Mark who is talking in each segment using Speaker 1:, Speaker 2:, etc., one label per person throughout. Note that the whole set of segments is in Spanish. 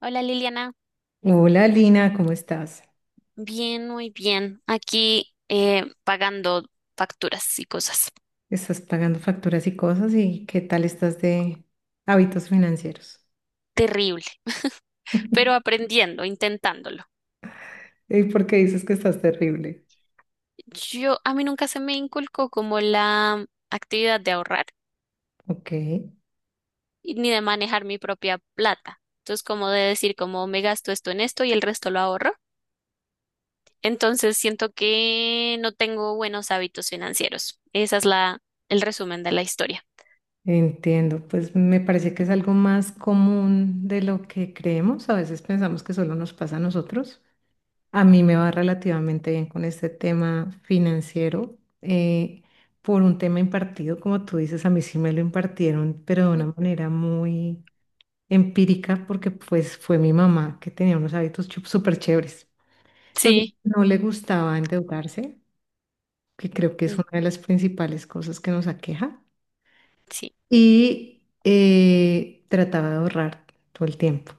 Speaker 1: Hola Liliana,
Speaker 2: Hola Lina, ¿cómo estás?
Speaker 1: bien, muy bien. Aquí pagando facturas y cosas.
Speaker 2: Estás pagando facturas y cosas y ¿qué tal estás de hábitos financieros?
Speaker 1: Terrible, pero aprendiendo, intentándolo.
Speaker 2: ¿Y por qué dices que estás terrible?
Speaker 1: A mí nunca se me inculcó como la actividad de ahorrar
Speaker 2: Ok,
Speaker 1: y ni de manejar mi propia plata. Entonces, como de decir, como me gasto esto en esto y el resto lo ahorro. Entonces, siento que no tengo buenos hábitos financieros. El resumen de la historia.
Speaker 2: entiendo. Pues me parece que es algo más común de lo que creemos. A veces pensamos que solo nos pasa a nosotros. A mí me va relativamente bien con este tema financiero, eh, por un tema impartido, como tú dices, a mí sí me lo impartieron, pero de una
Speaker 1: Mm.
Speaker 2: manera muy empírica porque pues fue mi mamá que tenía unos hábitos súper chéveres. Entonces
Speaker 1: Sí,
Speaker 2: no le gustaba endeudarse, que creo que es
Speaker 1: mm,
Speaker 2: una de las principales cosas que nos aqueja,
Speaker 1: sí.
Speaker 2: y trataba de ahorrar todo el tiempo.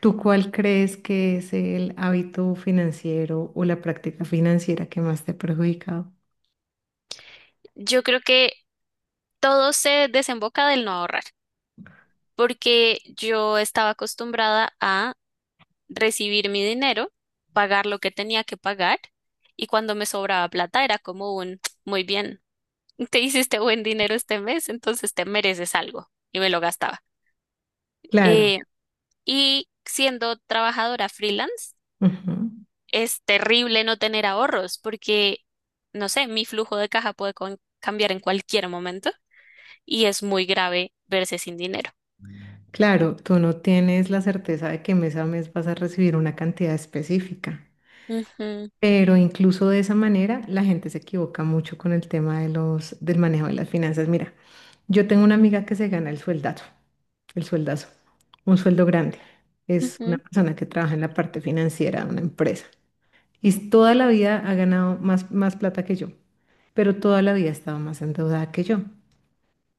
Speaker 2: ¿Tú cuál crees que es el hábito financiero o la práctica financiera que más te ha perjudicado?
Speaker 1: Yo creo que todo se desemboca del no ahorrar, porque yo estaba acostumbrada a recibir mi dinero, pagar lo que tenía que pagar y cuando me sobraba plata era como un, muy bien, te hiciste buen dinero este mes, entonces te mereces algo y me lo gastaba.
Speaker 2: Claro.
Speaker 1: Eh, y siendo trabajadora freelance,
Speaker 2: Ujú.
Speaker 1: es terrible no tener ahorros porque, no sé, mi flujo de caja puede cambiar en cualquier momento y es muy grave verse sin dinero.
Speaker 2: Claro, tú no tienes la certeza de que mes a mes vas a recibir una cantidad específica.
Speaker 1: Ujú,
Speaker 2: Pero incluso de esa manera, la gente se equivoca mucho con el tema de del manejo de las finanzas. Mira, yo tengo una amiga que se gana el sueldazo, un sueldo grande. Es una
Speaker 1: ujú,
Speaker 2: persona que trabaja en la parte financiera de una empresa y toda la vida ha ganado más plata que yo, pero toda la vida ha estado más endeudada que yo.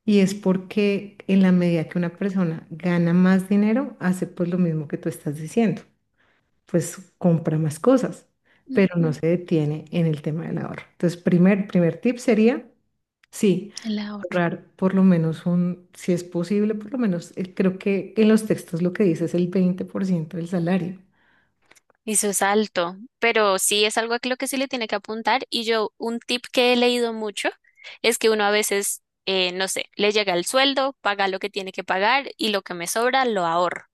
Speaker 2: Y es porque en la medida que una persona gana más dinero, hace pues lo mismo que tú estás diciendo, pues compra más cosas, pero no
Speaker 1: ujú.
Speaker 2: se detiene en el tema del ahorro. Entonces, primer tip sería, sí,
Speaker 1: El ahorro.
Speaker 2: ahorrar por lo menos un, si es posible, por lo menos, creo que en los textos lo que dice es el 20% del salario.
Speaker 1: Y su salto, pero sí es algo a lo que se le tiene que apuntar. Y yo, un tip que he leído mucho es que uno a veces, no sé, le llega el sueldo, paga lo que tiene que pagar y lo que me sobra lo ahorro.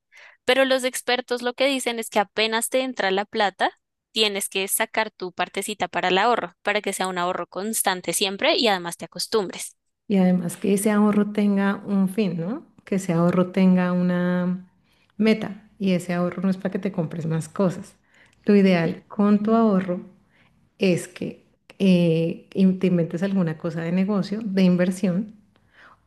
Speaker 1: Pero los expertos lo que dicen es que apenas te entra la plata, tienes que sacar tu partecita para el ahorro, para que sea un ahorro constante siempre y además te acostumbres.
Speaker 2: Y además que ese ahorro tenga un fin, ¿no? Que ese ahorro tenga una meta y ese ahorro no es para que te compres más cosas. Lo ideal con tu ahorro es que te inventes alguna cosa de negocio, de inversión,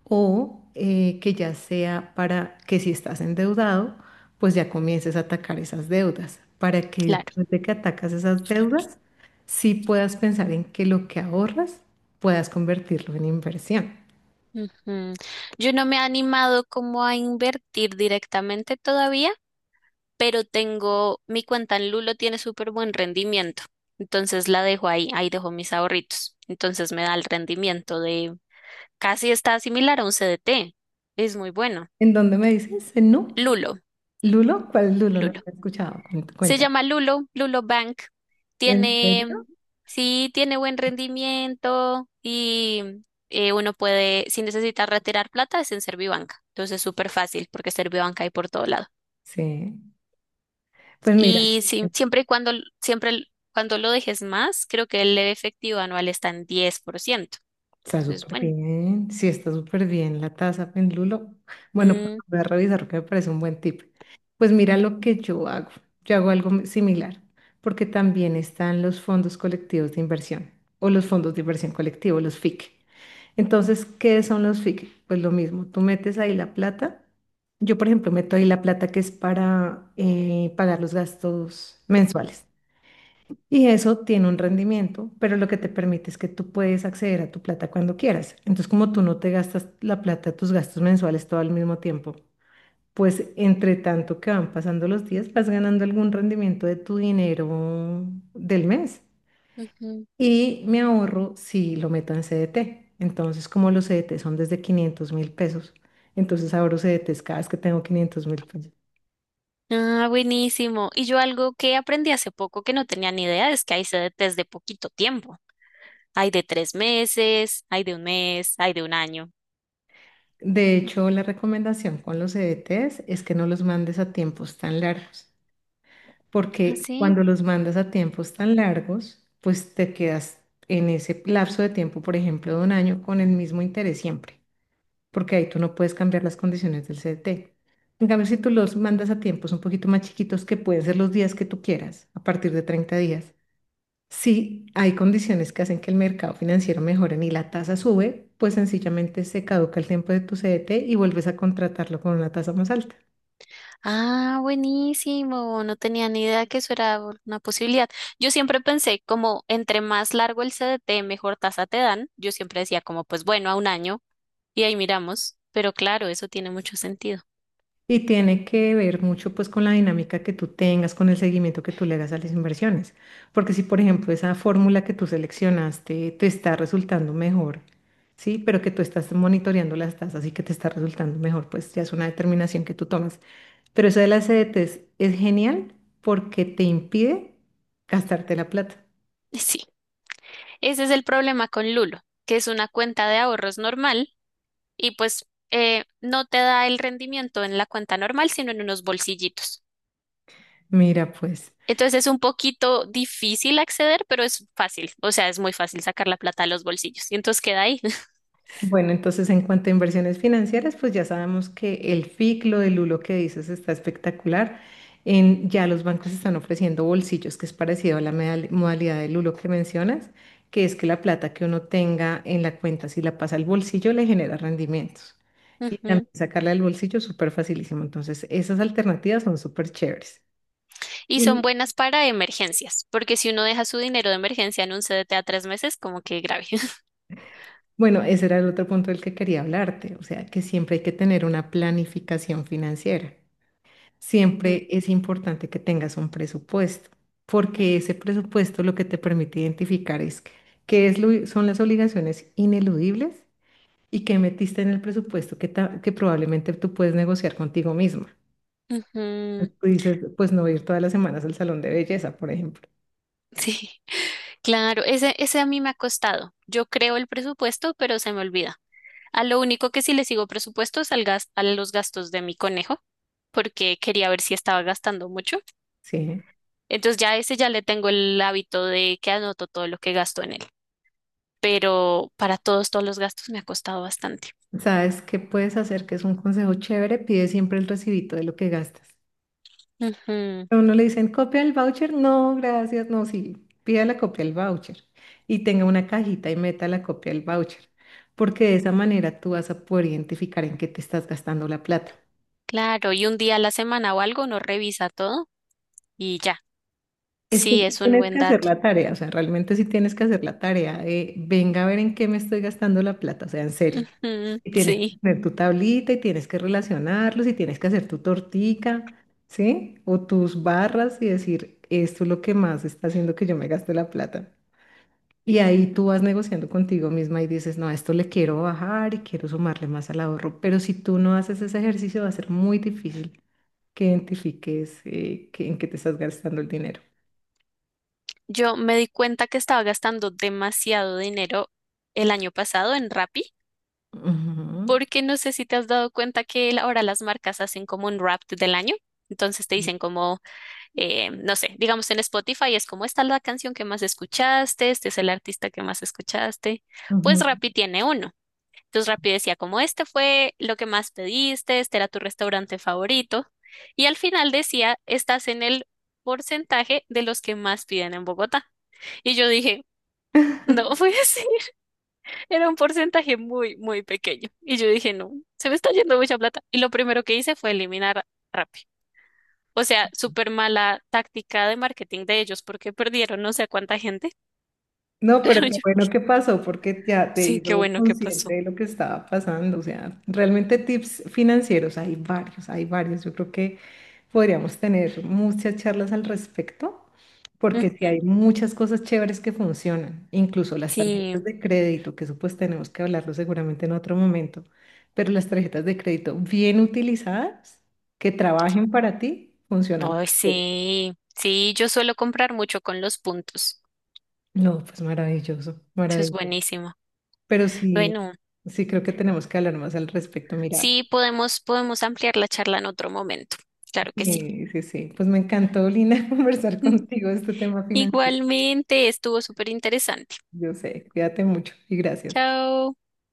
Speaker 2: o que ya sea para que si estás endeudado, pues ya comiences a atacar esas deudas, para que
Speaker 1: Claro.
Speaker 2: después de que atacas esas deudas, sí puedas pensar en que lo que ahorras puedas convertirlo en inversión.
Speaker 1: Ujú. Yo no me he animado como a invertir directamente todavía, pero tengo, mi cuenta en Lulo tiene súper buen rendimiento. Entonces la dejo ahí, ahí dejo mis ahorritos. Entonces me da el rendimiento de casi está similar a un CDT. Es muy bueno.
Speaker 2: ¿En dónde me dices? ¿En Nu?
Speaker 1: Lulo,
Speaker 2: ¿Lulo? ¿Cuál Lulo? No
Speaker 1: Lulo.
Speaker 2: te he escuchado.
Speaker 1: Se
Speaker 2: Cuenta.
Speaker 1: llama Lulo, Lulo Bank.
Speaker 2: ¿En
Speaker 1: Tiene,
Speaker 2: serio?
Speaker 1: sí, tiene buen rendimiento y uno puede, si necesita retirar plata, es en Servibanca. Entonces es súper fácil porque Servibanca hay por todos lados.
Speaker 2: Sí. Pues mira.
Speaker 1: Y sí, siempre cuando lo dejes más, creo que el efectivo anual está en 10%.
Speaker 2: Está
Speaker 1: Entonces,
Speaker 2: súper
Speaker 1: bueno.
Speaker 2: bien, sí, está súper bien la taza pendulo. Bueno, pues
Speaker 1: Mm,
Speaker 2: voy a revisar que me parece un buen tip. Pues mira lo que yo hago. Yo hago algo muy similar, porque también están los fondos colectivos de inversión o los fondos de inversión colectivo, los FIC. Entonces, ¿qué son los FIC? Pues lo mismo, tú metes ahí la plata. Yo, por ejemplo, meto ahí la plata que es para pagar los gastos mensuales. Y eso tiene un rendimiento, pero lo que te permite es que tú puedes acceder a tu plata cuando quieras. Entonces, como tú no te gastas la plata, tus gastos mensuales todo al mismo tiempo, pues entre tanto que van pasando los días, vas ganando algún rendimiento de tu dinero del mes.
Speaker 1: ujú.
Speaker 2: Y me ahorro si lo meto en CDT. Entonces, como los CDT son desde $500.000, entonces ahorro CDTs cada vez que tengo $500.000.
Speaker 1: Ah, buenísimo. Y yo algo que aprendí hace poco que no tenía ni idea es que hay CDTs de poquito tiempo. Hay de 3 meses, hay de un mes, hay de un año.
Speaker 2: De hecho, la recomendación con los CDTs es que no los mandes a tiempos tan largos,
Speaker 1: ¿Ah,
Speaker 2: porque
Speaker 1: sí?
Speaker 2: cuando los mandas a tiempos tan largos, pues te quedas en ese lapso de tiempo, por ejemplo, de un año, con el mismo interés siempre, porque ahí tú no puedes cambiar las condiciones del CDT. En cambio, si tú los mandas a tiempos un poquito más chiquitos, que pueden ser los días que tú quieras, a partir de 30 días, si hay condiciones que hacen que el mercado financiero mejore y la tasa sube, pues sencillamente se caduca el tiempo de tu CDT y vuelves a contratarlo con una tasa más alta.
Speaker 1: Ah, buenísimo. No tenía ni idea que eso era una posibilidad. Yo siempre pensé como entre más largo el CDT, mejor tasa te dan. Yo siempre decía como, pues bueno, a un año. Y ahí miramos, pero claro, eso tiene mucho sentido.
Speaker 2: Y tiene que ver mucho pues con la dinámica que tú tengas, con el seguimiento que tú le hagas a las inversiones. Porque si, por ejemplo, esa fórmula que tú seleccionaste te está resultando mejor, ¿sí? Pero que tú estás monitoreando las tasas y que te está resultando mejor, pues ya es una determinación que tú tomas. Pero eso de las CDTs es genial porque te impide gastarte la plata.
Speaker 1: Y sí, ese es el problema con Lulo, que es una cuenta de ahorros normal y pues no te da el rendimiento en la cuenta normal, sino en unos bolsillitos.
Speaker 2: Mira, pues.
Speaker 1: Entonces es un poquito difícil acceder, pero es fácil, o sea, es muy fácil sacar la plata de los bolsillos y entonces queda ahí.
Speaker 2: Bueno, entonces en cuanto a inversiones financieras, pues ya sabemos que el FIC, lo del Lulo que dices, está espectacular. En, ya los bancos están ofreciendo bolsillos, que es parecido a la modalidad del Lulo que mencionas, que es que la plata que uno tenga en la cuenta, si la pasa al bolsillo, le genera rendimientos. Y
Speaker 1: Ujú.
Speaker 2: también sacarla del bolsillo es súper facilísimo. Entonces, esas alternativas son súper chéveres.
Speaker 1: Y son
Speaker 2: Y
Speaker 1: buenas para emergencias, porque si uno deja su dinero de emergencia en un CDT a 3 meses, como que grave.
Speaker 2: bueno, ese era el otro punto del que quería hablarte, o sea, que siempre hay que tener una planificación financiera. Siempre es importante que tengas un presupuesto, porque ese presupuesto lo que te permite identificar es son las obligaciones ineludibles y qué metiste en el presupuesto que, que probablemente tú puedes negociar contigo misma.
Speaker 1: Ujú,
Speaker 2: Tú dices, pues no ir todas las semanas al salón de belleza, por ejemplo.
Speaker 1: sí, claro, ese a mí me ha costado. Yo creo el presupuesto, pero se me olvida. A lo único que sí le sigo presupuesto es al a los gastos de mi conejo, porque quería ver si estaba gastando mucho.
Speaker 2: Sí.
Speaker 1: Entonces ya ese ya le tengo el hábito de que anoto todo lo que gasto en él. Pero para todos los gastos me ha costado bastante.
Speaker 2: ¿Sabes qué puedes hacer? Que es un consejo chévere, pide siempre el recibito de lo que gastas.
Speaker 1: Ujú.
Speaker 2: A uno le dicen, copia el voucher. No, gracias. No, sí, pida la copia del voucher y tenga una cajita y meta la copia del voucher, porque de esa manera tú vas a poder identificar en qué te estás gastando la plata.
Speaker 1: Claro, y un día a la semana o algo uno revisa todo y ya.
Speaker 2: Es que
Speaker 1: Sí,
Speaker 2: sí
Speaker 1: es un
Speaker 2: tienes
Speaker 1: buen
Speaker 2: que hacer
Speaker 1: dato.
Speaker 2: la tarea, o sea, realmente sí tienes que hacer la tarea de, venga a ver en qué me estoy gastando la plata, o sea, en serio.
Speaker 1: Ujú,
Speaker 2: Y tienes que
Speaker 1: sí.
Speaker 2: tener tu tablita y tienes que relacionarlos y tienes que hacer tu tortica, ¿sí? O tus barras y decir, esto es lo que más está haciendo que yo me gaste la plata. Y ahí tú vas negociando contigo misma y dices, no, a esto le quiero bajar y quiero sumarle más al ahorro. Pero si tú no haces ese ejercicio, va a ser muy difícil que identifiques en qué te estás gastando el dinero.
Speaker 1: Yo me di cuenta que estaba gastando demasiado dinero el año pasado en Rappi,
Speaker 2: Ujú,
Speaker 1: porque no sé si te has dado cuenta que ahora las marcas hacen como un wrap del año. Entonces te dicen como, no sé, digamos en Spotify es como esta es la canción que más escuchaste, este es el artista que más escuchaste. Pues
Speaker 2: ujú.
Speaker 1: Rappi tiene uno. Entonces Rappi decía, como este fue lo que más pediste, este era tu restaurante favorito. Y al final decía, estás en el porcentaje de los que más piden en Bogotá. Y yo dije, no, pues sí, era un porcentaje muy, muy pequeño. Y yo dije, no, se me está yendo mucha plata. Y lo primero que hice fue eliminar Rappi. O sea, súper mala táctica de marketing de ellos porque perdieron no sé cuánta gente,
Speaker 2: No,
Speaker 1: pero
Speaker 2: pero qué
Speaker 1: yo
Speaker 2: bueno
Speaker 1: dije,
Speaker 2: que pasó porque ya te
Speaker 1: sí, qué
Speaker 2: hizo
Speaker 1: bueno que
Speaker 2: consciente
Speaker 1: pasó.
Speaker 2: de lo que estaba pasando. O sea, realmente tips financieros hay varios, hay varios. Yo creo que podríamos tener muchas charlas al respecto,
Speaker 1: Mm,
Speaker 2: porque sí hay muchas cosas chéveres que funcionan, incluso las
Speaker 1: sí.
Speaker 2: tarjetas de crédito, que eso pues tenemos que hablarlo seguramente en otro momento, pero las tarjetas de crédito bien utilizadas, que trabajen para ti, funcionan
Speaker 1: Ay,
Speaker 2: perfecto.
Speaker 1: sí, sí, yo suelo comprar mucho con los puntos.
Speaker 2: No, pues maravilloso,
Speaker 1: Eso es
Speaker 2: maravilloso.
Speaker 1: buenísimo.
Speaker 2: Pero sí,
Speaker 1: Bueno,
Speaker 2: sí creo que tenemos que hablar más al respecto.
Speaker 1: sí,
Speaker 2: Mira,
Speaker 1: podemos, podemos ampliar la charla en otro momento. Claro que sí.
Speaker 2: sí, sí, sí. Pues me encantó, Lina, conversar contigo este tema financiero.
Speaker 1: Igualmente, estuvo súper interesante.
Speaker 2: Yo sé, cuídate mucho y gracias.
Speaker 1: Chao.